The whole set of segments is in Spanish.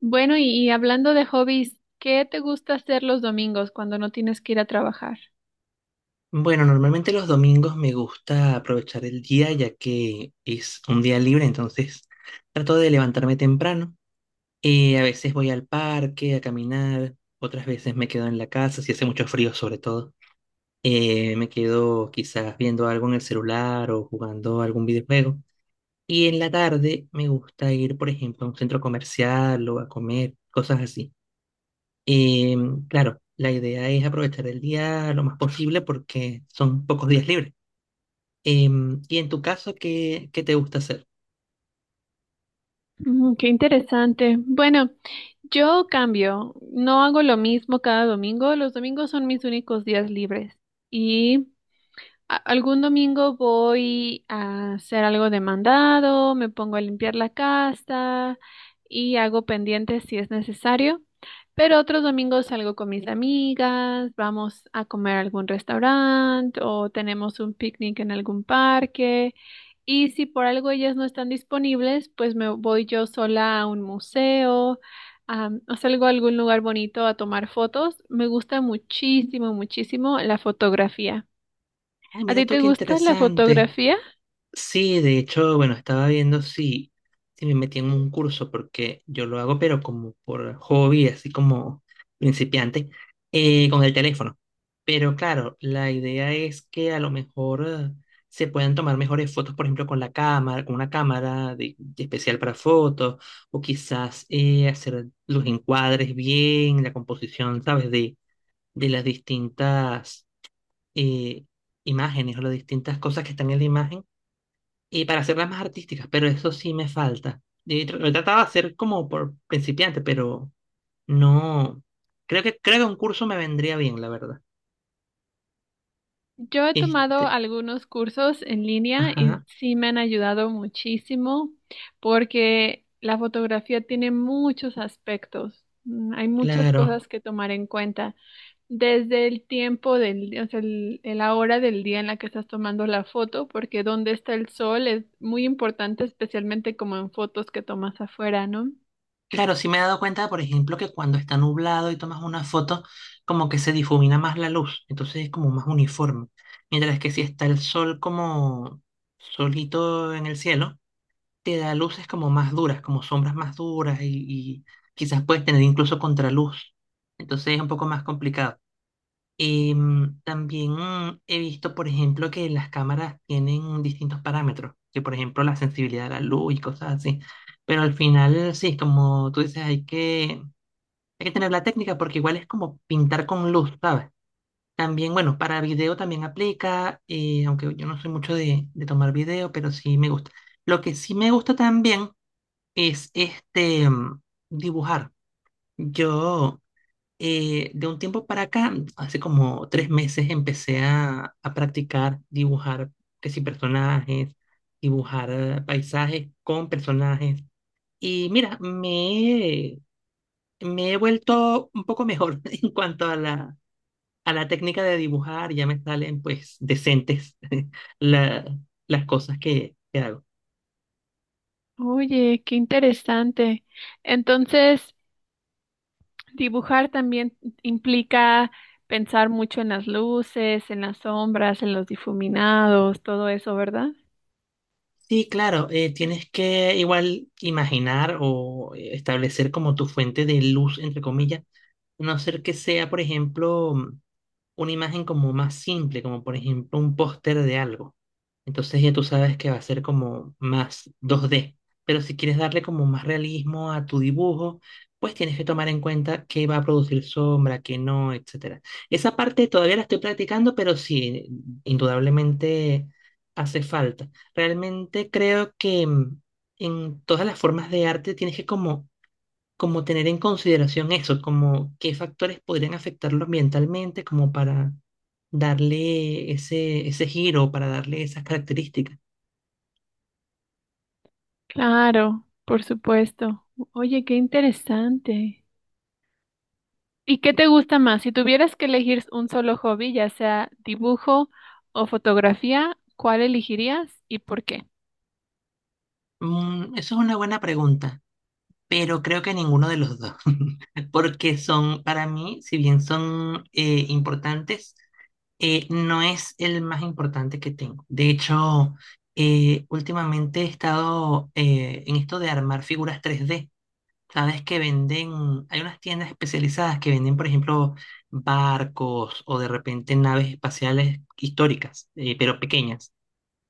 Bueno, y hablando de hobbies, ¿qué te gusta hacer los domingos cuando no tienes que ir a trabajar? Bueno, normalmente los domingos me gusta aprovechar el día ya que es un día libre, entonces trato de levantarme temprano. A veces voy al parque a caminar, otras veces me quedo en la casa, si hace mucho frío sobre todo. Me quedo quizás viendo algo en el celular o jugando algún videojuego. Y en la tarde me gusta ir, por ejemplo, a un centro comercial o a comer, cosas así. Claro, la idea es aprovechar el día lo más posible porque son pocos días libres. Y en tu caso, ¿ qué te gusta hacer? Mm, qué interesante. Bueno, yo cambio, no hago lo mismo cada domingo. Los domingos son mis únicos días libres. Y algún domingo voy a hacer algo de mandado, me pongo a limpiar la casa y hago pendientes si es necesario. Pero otros domingos salgo con mis amigas, vamos a comer a algún restaurante o tenemos un picnic en algún parque. Y si por algo ellas no están disponibles, pues me voy yo sola a un museo, o salgo a algún lugar bonito a tomar fotos. Me gusta muchísimo, muchísimo la fotografía. Ah, ¿A mira ti tú, te qué gusta la interesante. fotografía? Sí, de hecho, bueno, estaba viendo si me metí en un curso, porque yo lo hago, pero como por hobby, así como principiante, con el teléfono. Pero claro, la idea es que a lo mejor se puedan tomar mejores fotos, por ejemplo, con la cámara, con una cámara de especial para fotos, o quizás hacer los encuadres bien, la composición, ¿sabes? De las distintas eh, imágenes o las distintas cosas que están en la imagen y para hacerlas más artísticas, pero eso sí me falta. Y lo he tratado de hacer como por principiante, pero no. Creo que un curso me vendría bien, la verdad. Yo he tomado Este, algunos cursos en línea y ajá, sí me han ayudado muchísimo porque la fotografía tiene muchos aspectos. Mm, hay muchas claro. cosas que tomar en cuenta, desde el tiempo día, o sea, el, la hora del día en la que estás tomando la foto, porque dónde está el sol es muy importante, especialmente como en fotos que tomas afuera, ¿no? Claro, sí me he dado cuenta, por ejemplo, que cuando está nublado y tomas una foto, como que se difumina más la luz, entonces es como más uniforme. Mientras que si está el sol como solito en el cielo, te da luces como más duras, como sombras más duras y quizás puedes tener incluso contraluz. Entonces es un poco más complicado. También he visto, por ejemplo, que las cámaras tienen distintos parámetros, que por ejemplo la sensibilidad a la luz y cosas así. Pero al final, sí, como tú dices, hay que tener la técnica porque igual es como pintar con luz, ¿sabes? También, bueno, para video también aplica, aunque yo no soy mucho de tomar video, pero sí me gusta. Lo que sí me gusta también es dibujar. Yo de un tiempo para acá, hace como 3 meses, a practicar dibujar, que si personajes, dibujar paisajes con personajes. Y mira, me he vuelto un poco mejor en cuanto a a la técnica de dibujar. Ya me salen pues decentes la- las cosas que hago. Oye, qué interesante. Entonces, dibujar también implica pensar mucho en las luces, en las sombras, en los difuminados, todo eso, ¿verdad? Sí, claro, tienes que igual imaginar o establecer como tu fuente de luz, entre comillas, a no ser que sea, por ejemplo, una imagen como más simple, como por ejemplo un póster de algo. Entonces ya tú sabes que va a ser como más 2D. Pero si quieres darle como más realismo a tu dibujo, pues tienes que tomar en cuenta qué va a producir sombra, qué no, etcétera. Esa parte todavía la estoy practicando, pero sí, indudablemente hace falta. Realmente creo que en todas las formas de arte tienes que como tener en consideración eso, como qué factores podrían afectarlo ambientalmente, como para darle ese giro, para darle esas características. Claro, por supuesto. Oye, qué interesante. ¿Y qué te gusta más? Si tuvieras que elegir un solo hobby, ya sea dibujo o fotografía, ¿cuál elegirías y por qué? Eso es una buena pregunta, pero creo que ninguno de los dos, porque son, para mí, si bien son importantes, no es el más importante que tengo. De hecho, últimamente he estado en esto de armar figuras 3D. Sabes que venden, hay unas tiendas especializadas que venden, por ejemplo, barcos o de repente naves espaciales históricas, pero pequeñas.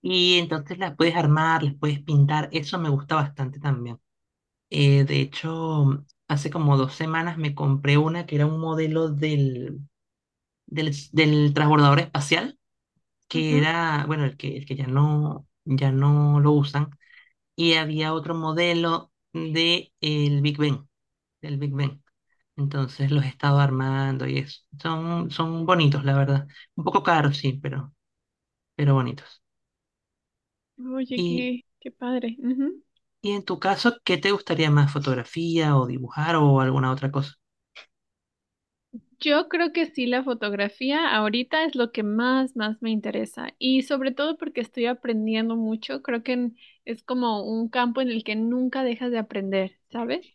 Y entonces las puedes armar, las puedes pintar, eso me gusta bastante también. De hecho, hace como 2 semanas me compré una que era un modelo del transbordador espacial, que era, bueno, el que ya no, ya no lo usan, y había otro modelo de el Big Ben del Big Bang. Entonces los he estado armando y eso. Son bonitos, la verdad. Un poco caros, sí, pero bonitos. Ujú. Oye, Y, qué, qué padre. Ujú. y en tu caso, ¿qué te gustaría más? ¿Fotografía o dibujar o alguna otra cosa? Yo creo que sí, la fotografía ahorita es lo que más, más me interesa y sobre todo porque estoy aprendiendo mucho, creo que es como un campo en el que nunca dejas de aprender, ¿sabes?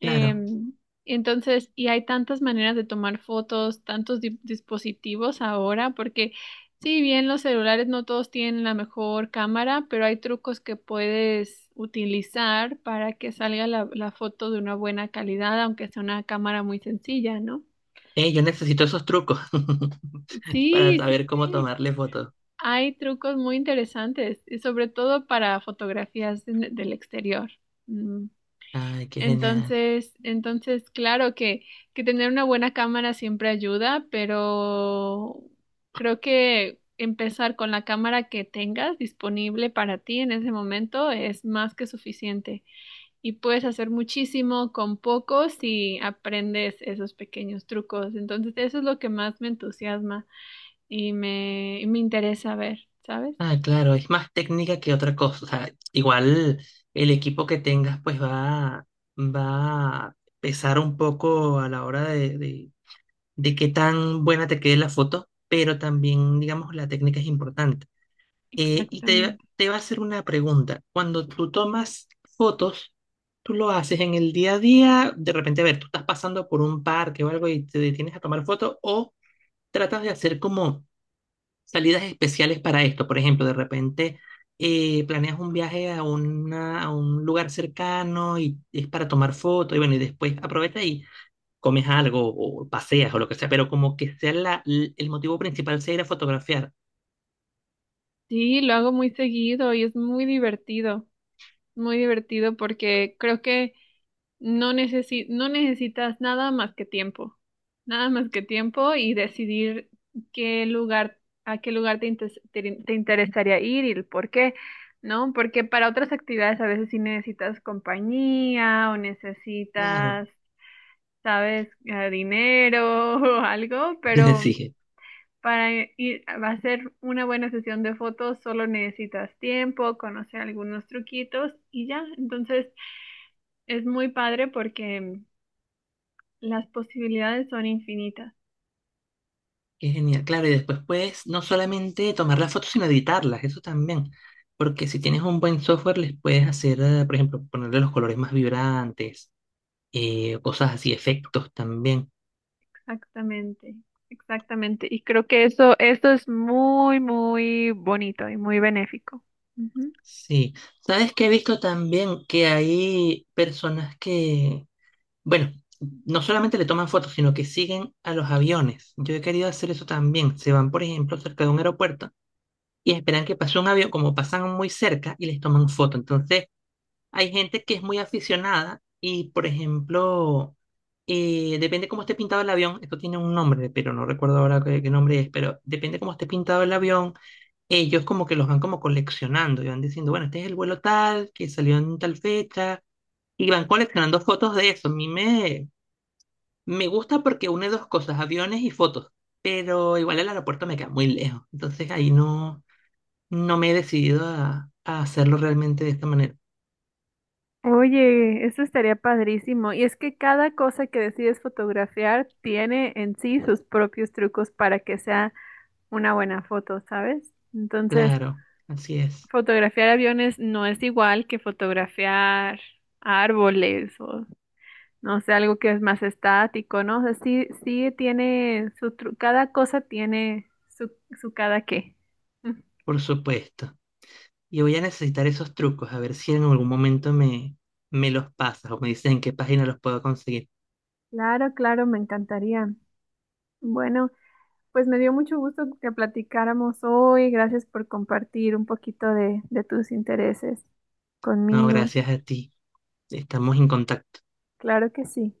Claro. entonces, y hay tantas maneras de tomar fotos, tantos dispositivos ahora, porque si bien los celulares no todos tienen la mejor cámara, pero hay trucos que puedes utilizar para que salga la foto de una buena calidad, aunque sea una cámara muy sencilla, ¿no? Yo necesito esos trucos para Sí, sí, saber cómo sí. tomarle fotos. Hay trucos muy interesantes, y sobre todo para fotografías del exterior. Mm. Ay, qué genial. Entonces, entonces, claro que tener una buena cámara siempre ayuda, pero creo que empezar con la cámara que tengas disponible para ti en ese momento es más que suficiente. Y puedes hacer muchísimo con poco si aprendes esos pequeños trucos. Entonces, eso es lo que más me entusiasma y y me interesa ver, ¿sabes? Ah, claro, es más técnica que otra cosa. O sea, igual el equipo que tengas pues va a pesar un poco a la hora de qué tan buena te quede la foto, pero también, digamos, la técnica es importante. Exactamente. Te va a hacer una pregunta. Cuando tú tomas fotos, tú lo haces en el día a día, de repente, a ver, tú estás pasando por un parque o algo y te detienes a tomar fotos, o tratas de hacer como salidas especiales para esto. Por ejemplo, de repente planeas un viaje a un lugar cercano y es para tomar fotos, y bueno, y después aprovecha y comes algo o paseas o lo que sea, pero como que sea el motivo principal sea ir a fotografiar. Sí, lo hago muy seguido y es muy divertido porque creo que no necesitas nada más que tiempo, nada más que tiempo y decidir qué lugar, a qué lugar te, intes- te te interesaría ir y el por qué, ¿no? Porque para otras actividades a veces sí necesitas compañía o Claro. necesitas, ¿sabes? Dinero o algo, pero Sí, para ir a hacer una buena sesión de fotos solo necesitas tiempo, conocer algunos truquitos y ya. Entonces es muy padre porque las posibilidades son infinitas. qué genial. Claro, y después puedes no solamente tomar las fotos, sino editarlas, eso también. Porque si tienes un buen software, les puedes hacer, por ejemplo, ponerle los colores más vibrantes, cosas así, efectos también. Exactamente, exactamente. Y creo que eso es muy, muy bonito y muy benéfico. Ujú. Sí. ¿Sabes qué he visto también? Que hay personas que bueno, no solamente le toman fotos, sino que siguen a los aviones. Yo he querido hacer eso también. Se van, por ejemplo, cerca de un aeropuerto y esperan que pase un avión, como pasan muy cerca y les toman foto. Entonces, hay gente que es muy aficionada y, por ejemplo, depende cómo esté pintado el avión. Esto tiene un nombre, pero no recuerdo ahora qué nombre es, pero depende cómo esté pintado el avión. Ellos como que los van como coleccionando y van diciendo, bueno, este es el vuelo tal, que salió en tal fecha. Y van coleccionando fotos de eso. Me gusta porque une 2 cosas, aviones y fotos, pero igual el aeropuerto me queda muy lejos, entonces ahí no, no me he decidido a hacerlo realmente de esta manera. Oye, eso estaría padrísimo. Y es que cada cosa que decides fotografiar tiene en sí sus propios trucos para que sea una buena foto, ¿sabes? Entonces, Claro, así es, fotografiar aviones no es igual que fotografiar árboles o no sé, algo que es más estático, ¿no? O sea, sí, sí tiene cada cosa tiene su, su cada qué. Mm. por supuesto. Y voy a necesitar esos trucos, a ver si en algún momento me los pasas o me dicen en qué página los puedo conseguir. Claro, claro, me encantaría. Bueno, pues me dio mucho gusto que platicáramos hoy. Gracias por compartir un poquito de tus intereses No, conmigo. gracias a ti, estamos en contacto. Claro que sí.